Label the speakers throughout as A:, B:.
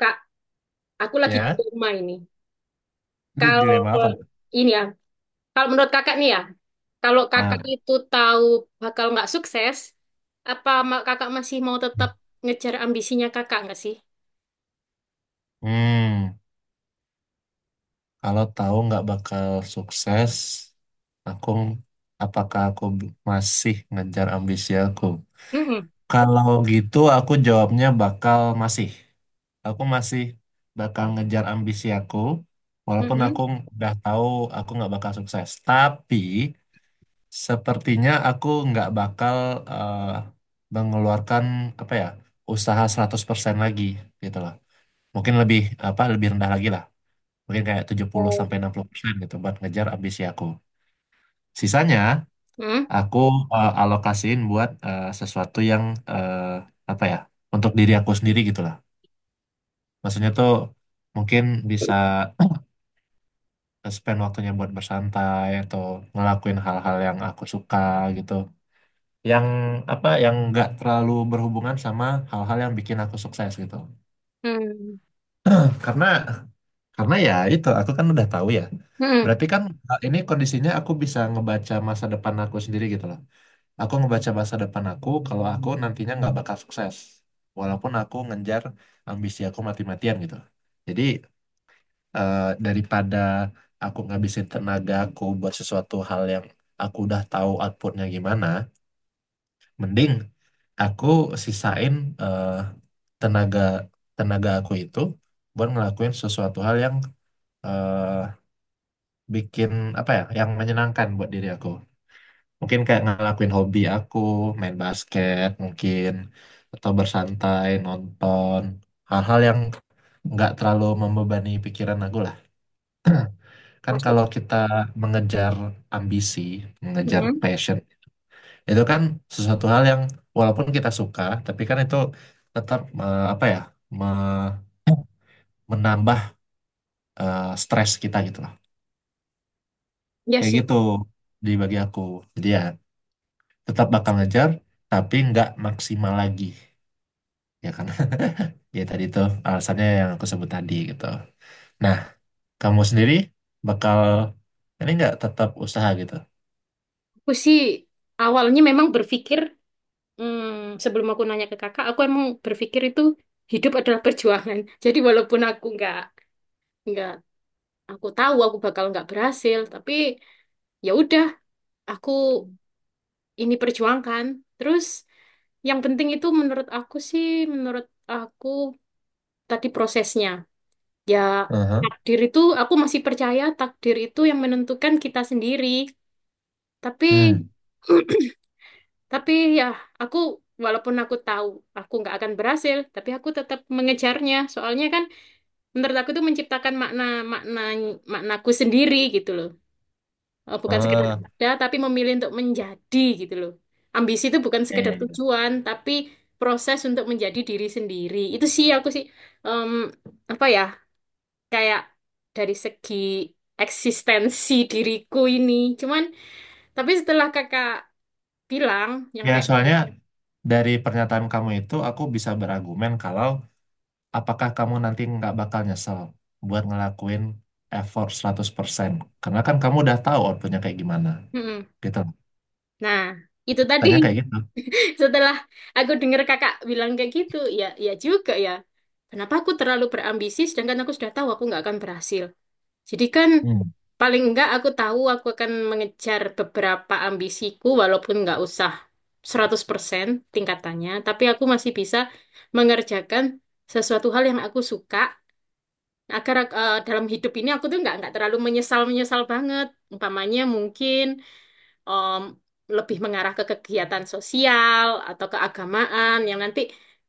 A: Kak, aku lagi di
B: Ya,
A: rumah ini.
B: ini
A: Kalau
B: dilema apa tuh?
A: ini ya, kalau menurut kakak nih ya, kalau kakak
B: Nah,
A: itu tahu bakal nggak sukses, kakak masih mau tetap ngejar ambisinya kakak nggak sih?
B: hmm, kalau tahu nggak bakal sukses, aku apakah aku masih ngejar ambisi aku?
A: Mm-mm.
B: Kalau gitu aku jawabnya bakal masih. Aku masih bakal ngejar ambisi aku, walaupun aku
A: Mm-mm.
B: udah tahu aku nggak bakal sukses. Tapi sepertinya aku nggak bakal eh, mengeluarkan apa ya usaha 100% lagi gitu loh. Mungkin lebih apa lebih rendah lagi lah, mungkin kayak tujuh puluh
A: Oh.
B: sampai enam puluh persen gitu buat ngejar ambisi aku. Sisanya
A: Mm.
B: aku alokasiin buat sesuatu yang eh, apa ya untuk diri aku sendiri gitulah. Maksudnya tuh mungkin bisa spend waktunya buat bersantai atau ngelakuin hal-hal yang aku suka gitu, yang apa yang nggak terlalu berhubungan sama hal-hal yang bikin aku sukses gitu.
A: Mm.
B: karena Karena ya itu aku kan udah tahu ya.
A: Mm.
B: Berarti kan ini kondisinya aku bisa ngebaca masa depan aku sendiri gitu loh. Aku ngebaca masa depan aku kalau aku nantinya nggak bakal sukses. Walaupun aku ngejar ambisi aku mati-matian gitu. Jadi uh, daripada aku ngabisin tenaga aku buat sesuatu hal yang aku udah tahu outputnya gimana, mending aku sisain uh, tenaga tenaga aku itu buat ngelakuin sesuatu hal yang eh, bikin apa ya yang menyenangkan buat diri aku. Mungkin kayak ngelakuin hobi aku, main basket mungkin, atau bersantai, nonton, hal-hal yang nggak terlalu membebani pikiran aku lah. Kan
A: Masuk.
B: kalau kita mengejar ambisi, mengejar
A: Mm.
B: passion, itu kan sesuatu hal yang walaupun kita suka, tapi kan itu tetap apa ya, me- menambah stres kita gitu lah.
A: Ya
B: Kayak
A: sih.
B: gitu di bagi aku. Jadi ya tetap bakal ngejar tapi nggak maksimal lagi ya karena ya tadi tuh alasannya yang aku sebut tadi gitu. Nah, kamu sendiri bakal ini nggak tetap usaha gitu.
A: Aku sih awalnya memang berpikir, sebelum aku nanya ke kakak, aku emang berpikir itu hidup adalah perjuangan. Jadi walaupun aku nggak aku tahu aku bakal nggak berhasil, tapi ya udah aku ini perjuangkan terus. Yang penting itu menurut aku sih, menurut aku, tadi prosesnya ya.
B: Aha.
A: Takdir itu, aku masih percaya takdir itu yang menentukan kita sendiri, tapi
B: Hmm.
A: tapi ya aku, walaupun aku tahu aku nggak akan berhasil, tapi aku tetap mengejarnya soalnya kan menurut aku itu menciptakan makna makna maknaku sendiri gitu loh. Oh, bukan sekedar
B: Ah,
A: ada, tapi memilih untuk menjadi gitu loh. Ambisi itu bukan
B: ya,
A: sekedar
B: ya, ya.
A: tujuan, tapi proses untuk menjadi diri sendiri. Itu sih aku sih, em, apa ya, kayak dari segi eksistensi diriku ini. Cuman, tapi setelah kakak bilang yang
B: Ya,
A: kayak,
B: soalnya dari pernyataan kamu itu aku bisa berargumen kalau apakah kamu nanti nggak bakal nyesel buat ngelakuin effort 100% karena kan kamu udah tahu outputnya kayak gimana
A: "Mm-mm."
B: gitu
A: Nah, itu tadi,
B: tanya kayak gitu.
A: setelah aku dengar kakak bilang kayak gitu, ya ya juga ya. Kenapa aku terlalu berambisi sedangkan aku sudah tahu aku nggak akan berhasil? Jadi kan
B: Hmm.
A: paling enggak aku tahu aku akan mengejar beberapa ambisiku walaupun enggak usah 100% tingkatannya, tapi aku masih bisa mengerjakan sesuatu hal yang aku suka agar dalam hidup ini aku tuh enggak terlalu menyesal-menyesal banget. Umpamanya mungkin em, lebih mengarah ke kegiatan sosial atau keagamaan yang nanti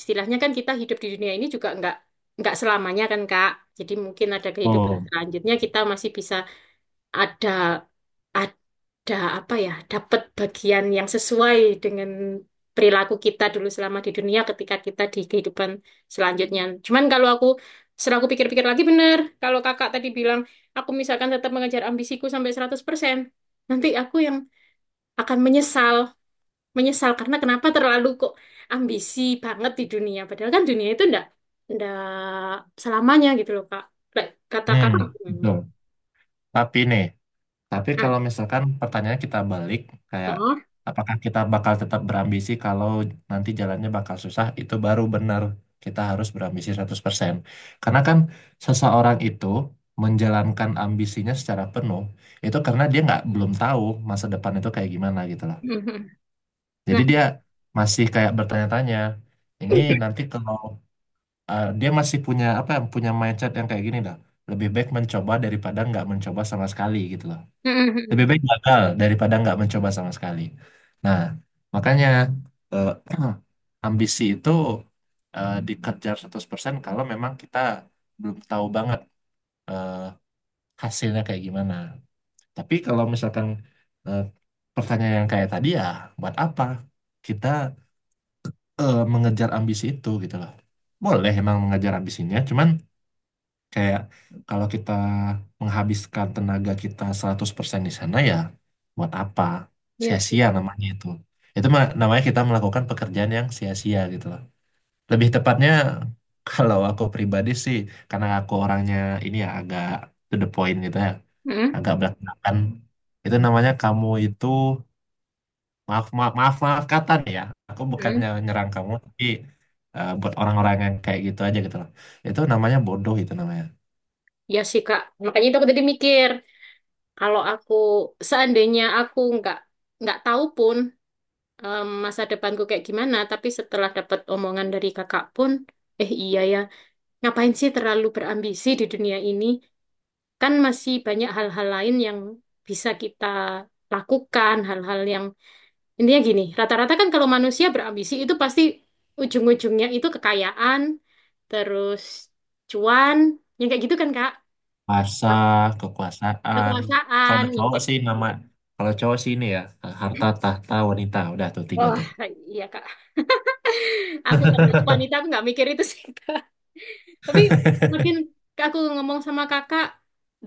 A: istilahnya kan kita hidup di dunia ini juga enggak selamanya kan Kak. Jadi mungkin ada kehidupan
B: Oh.
A: selanjutnya kita masih bisa ada ada apa ya dapat bagian yang sesuai dengan perilaku kita dulu selama di dunia ketika kita di kehidupan selanjutnya. Cuman kalau aku setelah aku pikir-pikir lagi, bener kalau kakak tadi bilang, aku misalkan tetap mengejar ambisiku sampai seratus persen, nanti aku yang akan menyesal menyesal karena kenapa terlalu kok ambisi banget di dunia padahal kan dunia itu ndak ndak selamanya gitu loh Kak. Kayak kata
B: Hmm.
A: kakak gimana?
B: Betul. Tapi nih Tapi
A: Nah,
B: kalau misalkan pertanyaannya kita balik, kayak
A: oh.
B: apakah kita bakal tetap berambisi kalau nanti jalannya bakal susah, itu baru benar kita harus berambisi 100%. Karena kan seseorang itu menjalankan ambisinya secara penuh, itu karena dia nggak belum tahu masa depan itu kayak gimana gitu loh.
A: Mhm.
B: Jadi
A: Nah,
B: dia masih kayak bertanya-tanya, ini nanti kalau dia masih punya apa ya, punya mindset yang kayak gini dah, lebih baik mencoba daripada nggak mencoba sama sekali gitu loh.
A: mm-mm,
B: Lebih
A: mm-mm.
B: baik gagal daripada nggak mencoba sama sekali. Nah, makanya eh, ambisi itu dikejar 100% kalau memang kita belum tahu banget eh, hasilnya kayak gimana. Tapi kalau misalkan eh, pertanyaan yang kayak tadi ya, buat apa kita mengejar ambisi itu gitu loh. Boleh emang mengejar ambisinya, cuman kayak kalau kita menghabiskan tenaga kita 100% di sana ya buat apa?
A: Iya sih.
B: Sia-sia namanya itu. Itu namanya kita melakukan pekerjaan yang sia-sia gitu loh. Lebih tepatnya kalau aku pribadi sih karena aku orangnya ini ya agak to the point gitu ya,
A: Mm-mm,
B: agak belak-belakan. Itu namanya kamu itu, maaf maaf maaf maaf kata nih ya. Aku bukannya
A: mm-mm.
B: nyerang kamu, tapi buat orang-orang yang kayak gitu aja gitu loh. Itu namanya bodoh itu namanya.
A: Iya sih Kak. Makanya itu aku tadi mikir, kalau aku seandainya aku nggak tahu pun masa depanku kayak gimana, tapi setelah dapat omongan dari kakak pun, eh iya ya, ngapain sih terlalu berambisi di dunia ini? Kan masih banyak hal-hal lain yang bisa kita lakukan, hal-hal yang… Intinya gini, rata-rata kan kalau manusia berambisi itu pasti ujung-ujungnya itu kekayaan, terus cuan, yang kayak gitu kan Kak?
B: Kuasa, kekuasaan.
A: Kekuasaan,
B: Kalau
A: yang
B: cowok
A: kayak
B: sih
A: gitu.
B: nama, kalau cowok sih ini ya, harta, tahta, wanita. Udah tuh tiga
A: Wah,
B: tuh.
A: iya Kak. Aku karena aku wanita, aku nggak mikir itu sih Kak. Tapi makin aku ngomong sama Kakak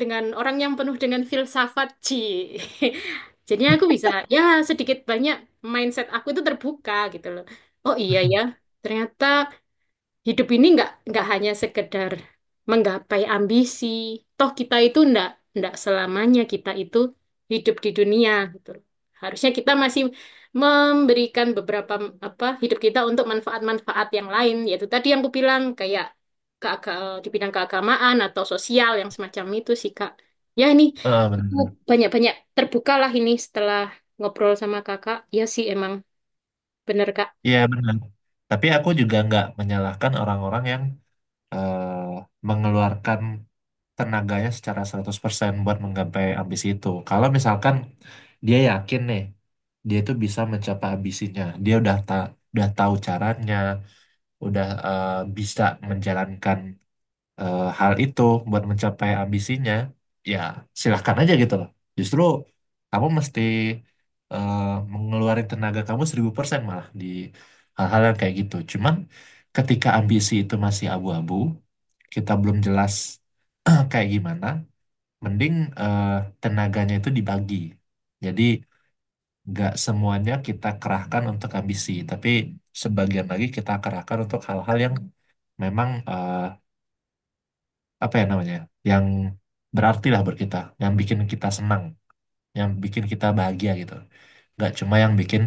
A: dengan orang yang penuh dengan filsafat, Ci. Jadinya aku bisa, ya sedikit banyak mindset aku itu terbuka gitu loh. Oh iya ya, ternyata hidup ini nggak hanya sekedar menggapai ambisi. Toh kita itu ndak ndak selamanya kita itu hidup di dunia gitu. Harusnya kita masih memberikan beberapa m- apa hidup kita untuk manfaat-manfaat yang lain, yaitu tadi yang aku bilang kayak di bidang keagamaan atau sosial yang semacam itu sih Kak. Ya ini
B: Eh,
A: aku
B: benar.
A: banyak-banyak terbukalah ini setelah ngobrol sama Kakak. Ya sih emang bener Kak.
B: Iya benar. Tapi aku juga nggak menyalahkan orang-orang yang eh, mengeluarkan tenaganya secara 100% buat menggapai ambisi itu. Kalau misalkan dia yakin nih, dia itu bisa mencapai ambisinya. Dia udah tahu caranya, udah bisa menjalankan hal itu buat mencapai ambisinya, ya silahkan aja gitu loh. Justru kamu mesti eh, mengeluarkan tenaga kamu 1000% malah di hal-hal yang kayak gitu. Cuman ketika ambisi itu masih abu-abu, kita belum jelas kayak gimana, mending eh, tenaganya itu dibagi. Jadi nggak semuanya kita kerahkan untuk ambisi, tapi sebagian lagi kita kerahkan untuk hal-hal yang memang apa ya namanya, yang berarti lah buat kita, yang bikin kita senang, yang bikin kita bahagia gitu, nggak cuma yang bikin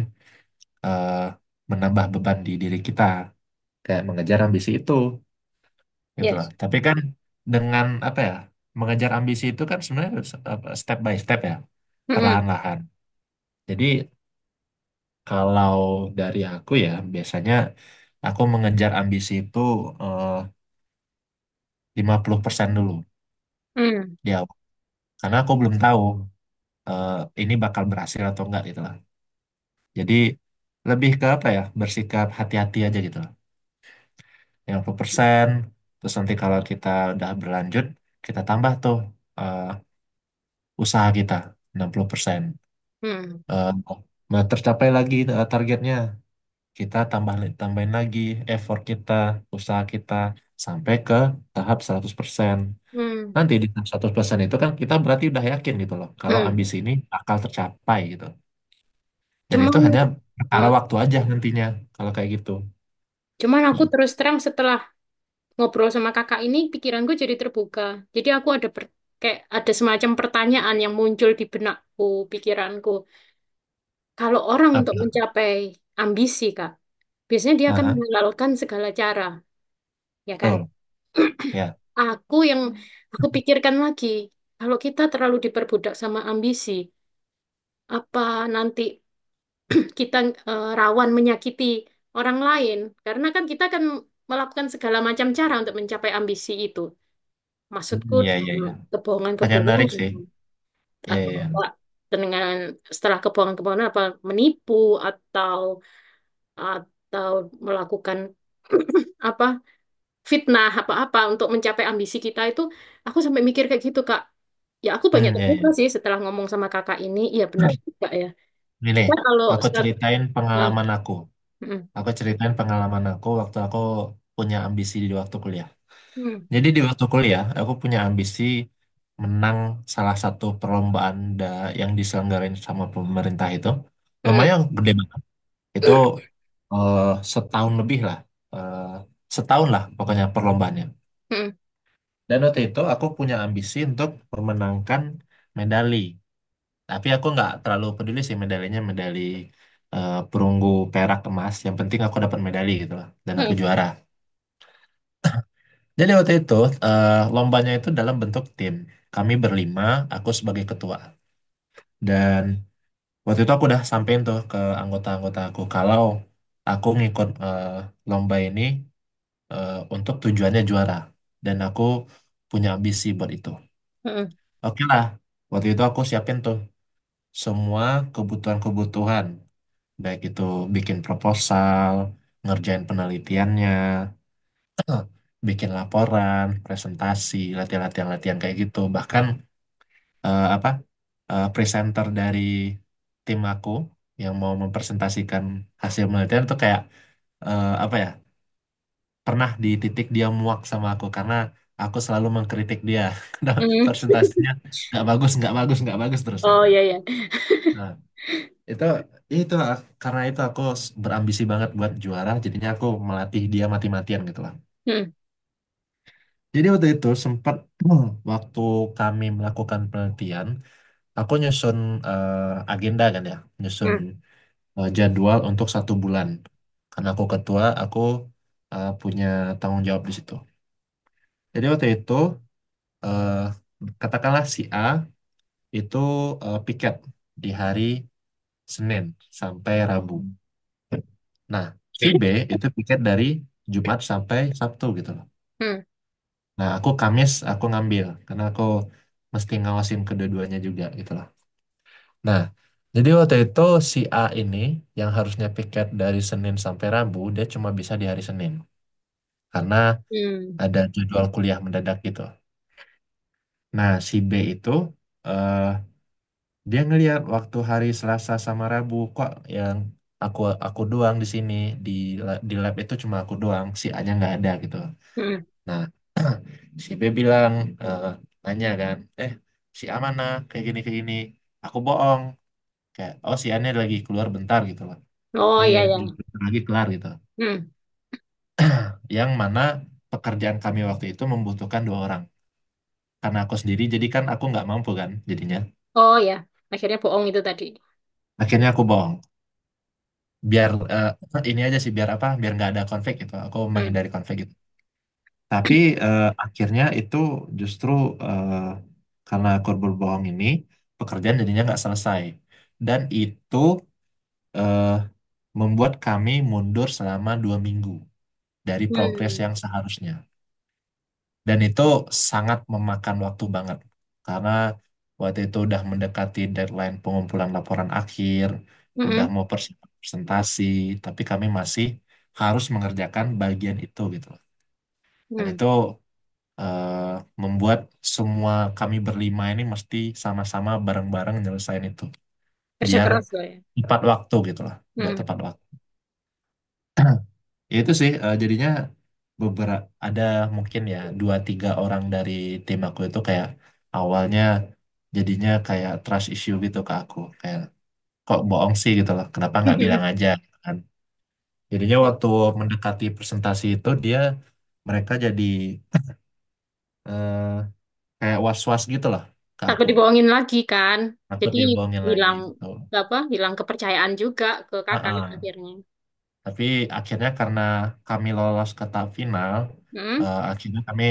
B: eh, menambah beban di diri kita kayak mengejar ambisi itu gitu loh.
A: Yes.
B: Tapi kan dengan apa ya mengejar ambisi itu kan sebenarnya apa, step by step ya,
A: Mm-mm.
B: perlahan-lahan. Jadi kalau dari aku ya biasanya aku mengejar ambisi itu eh, 50% dulu
A: Mm.
B: ya karena aku belum tahu eh, ini bakal berhasil atau enggak gitu. Jadi lebih ke apa ya, bersikap hati-hati aja gitu loh. 50%. Terus nanti kalau kita udah berlanjut, kita tambah tuh eh, usaha kita 60%.
A: Mm.
B: Eh, nah, tercapai lagi targetnya, kita tambahin lagi effort kita, usaha kita, sampai ke tahap 100%.
A: Mm.
B: Nanti di tahap 100% itu kan kita berarti udah yakin gitu loh, kalau
A: Hmm.
B: ambisi ini bakal tercapai gitu. Dan
A: Cuman,
B: itu hanya perkara
A: eh,
B: waktu aja nantinya, kalau kayak gitu.
A: cuman aku terus terang setelah ngobrol sama kakak ini, pikiranku jadi terbuka. Jadi aku ada kayak ada semacam pertanyaan yang muncul di benakku, pikiranku. Kalau orang untuk
B: Apa?
A: mencapai ambisi, Kak, biasanya dia akan
B: Aha.
A: menghalalkan segala cara, ya kan?
B: Betul. Ya.
A: Aku yang, aku pikirkan lagi, kalau kita terlalu diperbudak sama ambisi, apa nanti kita rawan menyakiti orang lain karena kan kita akan melakukan segala macam cara untuk mencapai ambisi itu.
B: Hmm,
A: Maksudku
B: iya, iya,
A: dengan
B: iya. Pertanyaan menarik sih.
A: kebohongan-kebohongan
B: Iya,
A: atau
B: iya,
A: apa,
B: iya.
A: dengan setelah kebohongan-kebohongan apa menipu, atau atau melakukan apa fitnah apa-apa untuk mencapai ambisi kita itu, aku sampai mikir kayak gitu Kak. Ya aku banyak
B: Hmm, iya,
A: terbuka
B: iya.
A: sih setelah ngomong sama kakak ini, iya bener juga ya.
B: Ini nih,
A: Kita kalau
B: aku
A: serat,
B: ceritain
A: nah,
B: pengalaman aku.
A: mm,
B: Aku ceritain pengalaman aku waktu aku punya ambisi di waktu kuliah.
A: mm,
B: Jadi di waktu kuliah, aku punya ambisi menang salah satu perlombaan yang diselenggarain sama pemerintah itu.
A: mm.
B: Lumayan gede banget. Itu eh, setahun lebih lah. Eh, setahun lah pokoknya perlombaannya. Dan waktu itu aku punya ambisi untuk memenangkan medali. Tapi aku nggak terlalu peduli sih medalinya, medali perunggu, perak, emas. Yang penting aku dapat medali gitu lah. Dan
A: Hmm,
B: aku
A: hmm,
B: juara. Jadi waktu itu eh, lombanya itu dalam bentuk tim. Kami berlima, aku sebagai ketua. Dan waktu itu aku udah sampein tuh ke anggota-anggota aku kalau aku ngikut lomba ini untuk tujuannya juara. Dan aku punya ambisi buat itu.
A: hmm,
B: Oke lah, waktu itu aku siapin tuh semua kebutuhan-kebutuhan, baik itu bikin proposal, ngerjain penelitiannya, bikin laporan, presentasi, latihan-latihan-latihan kayak gitu. Bahkan apa presenter dari tim aku yang mau mempresentasikan hasil penelitian itu kayak apa ya, pernah di titik dia muak sama aku karena aku selalu mengkritik dia karena
A: hmm.
B: presentasinya nggak bagus, nggak bagus, nggak bagus terus
A: Oh
B: gitu.
A: ya ya.
B: Nah, Itu karena itu aku berambisi banget buat juara, jadinya aku melatih dia mati-matian gitu lah.
A: Hmm,
B: Jadi waktu itu sempat waktu kami melakukan penelitian, aku nyusun agenda kan ya, nyusun
A: hmm,
B: jadwal untuk 1 bulan. Karena aku ketua, aku punya tanggung jawab di situ. Jadi waktu itu eh, katakanlah si A itu piket di hari Senin sampai Rabu. Nah, si B itu piket dari Jumat sampai Sabtu gitu loh.
A: hmm,
B: Nah, aku Kamis aku ngambil karena aku mesti ngawasin kedua-duanya juga gitu loh. Nah, jadi waktu itu si A ini yang harusnya piket dari Senin sampai Rabu, dia cuma bisa di hari Senin karena
A: hmm,
B: ada jadwal kuliah mendadak gitu. Nah, si B itu eh dia ngelihat waktu hari Selasa sama Rabu kok, yang aku aku doang di sini, di di lab itu cuma aku doang, si A-nya nggak ada gitu.
A: hmm.
B: Nah, si B bilang eh, nanya kan eh si A mana kayak gini kayak gini, aku bohong kayak, oh si A ini lagi keluar bentar gitu loh,
A: Oh
B: nih
A: ya ya.
B: di- lagi kelar gitu.
A: Hmm.
B: Yang mana pekerjaan kami waktu itu membutuhkan 2 orang, karena aku sendiri jadi kan aku nggak mampu kan jadinya
A: Oh ya. Akhirnya bohong itu tadi.
B: akhirnya aku bohong biar ini aja sih biar apa, biar nggak ada konflik gitu, aku
A: Hmm,
B: menghindari konflik gitu. Tapi akhirnya itu justru eh, karena aku berbohong ini, pekerjaan jadinya nggak selesai, dan itu eh, membuat kami mundur selama 2 minggu dari progres yang
A: hmm,
B: seharusnya. Dan itu sangat memakan waktu banget karena waktu itu udah mendekati deadline pengumpulan laporan akhir, udah
A: hmm,
B: mau persiapan presentasi, tapi kami masih harus mengerjakan bagian itu gitu loh. Dan
A: hmm.
B: itu eh, membuat semua kami berlima ini mesti sama-sama bareng-bareng nyelesain itu
A: Kerja
B: biar
A: keras loh ya.
B: tepat waktu gitu lah, biar
A: Hmm.
B: tepat waktu. Itu sih jadinya beberapa ada mungkin ya dua tiga orang dari tim aku itu kayak awalnya jadinya kayak trust issue gitu ke aku kayak kok bohong sih gitu loh, kenapa nggak bilang
A: Hmm.
B: aja. Kan jadinya waktu mendekati presentasi itu mereka jadi eh, kayak was-was gitu loh ke
A: Takut
B: aku
A: dibohongin lagi kan.
B: aku
A: Jadi
B: dia bohongin lagi
A: hilang
B: gitu.
A: apa? Hilang kepercayaan juga ke kakak
B: Heeh.
A: akhirnya.
B: Tapi akhirnya karena kami lolos ke tahap final,
A: Hmm,
B: eh, akhirnya kami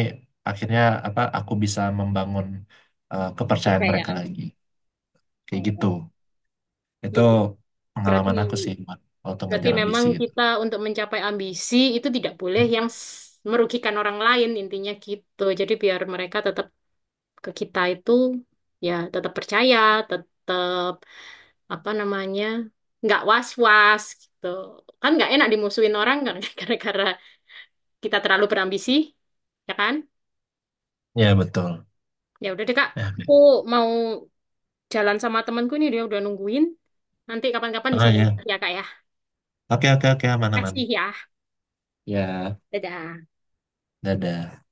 B: akhirnya apa aku bisa membangun kepercayaan mereka
A: kepercayaan.
B: lagi. Kayak gitu.
A: Oh,
B: Itu
A: ya berarti
B: pengalaman aku sih Wan, waktu
A: Berarti
B: ngejar
A: memang
B: ambisi gitu.
A: kita untuk mencapai ambisi itu tidak boleh yang merugikan orang lain intinya gitu. Jadi biar mereka tetap ke kita itu ya tetap percaya, tetap apa namanya, nggak was-was gitu. Kan nggak enak dimusuhin orang kan gara-gara kita terlalu berambisi, ya kan?
B: Ya betul.
A: Ya udah deh Kak,
B: Ya.
A: aku mau jalan sama temanku nih, dia udah nungguin. Nanti kapan-kapan
B: Oh
A: disambung
B: ya.
A: ya Kak ya.
B: Oke oke oke aman aman.
A: Kasih ya.
B: Ya,
A: Dadah.
B: dadah.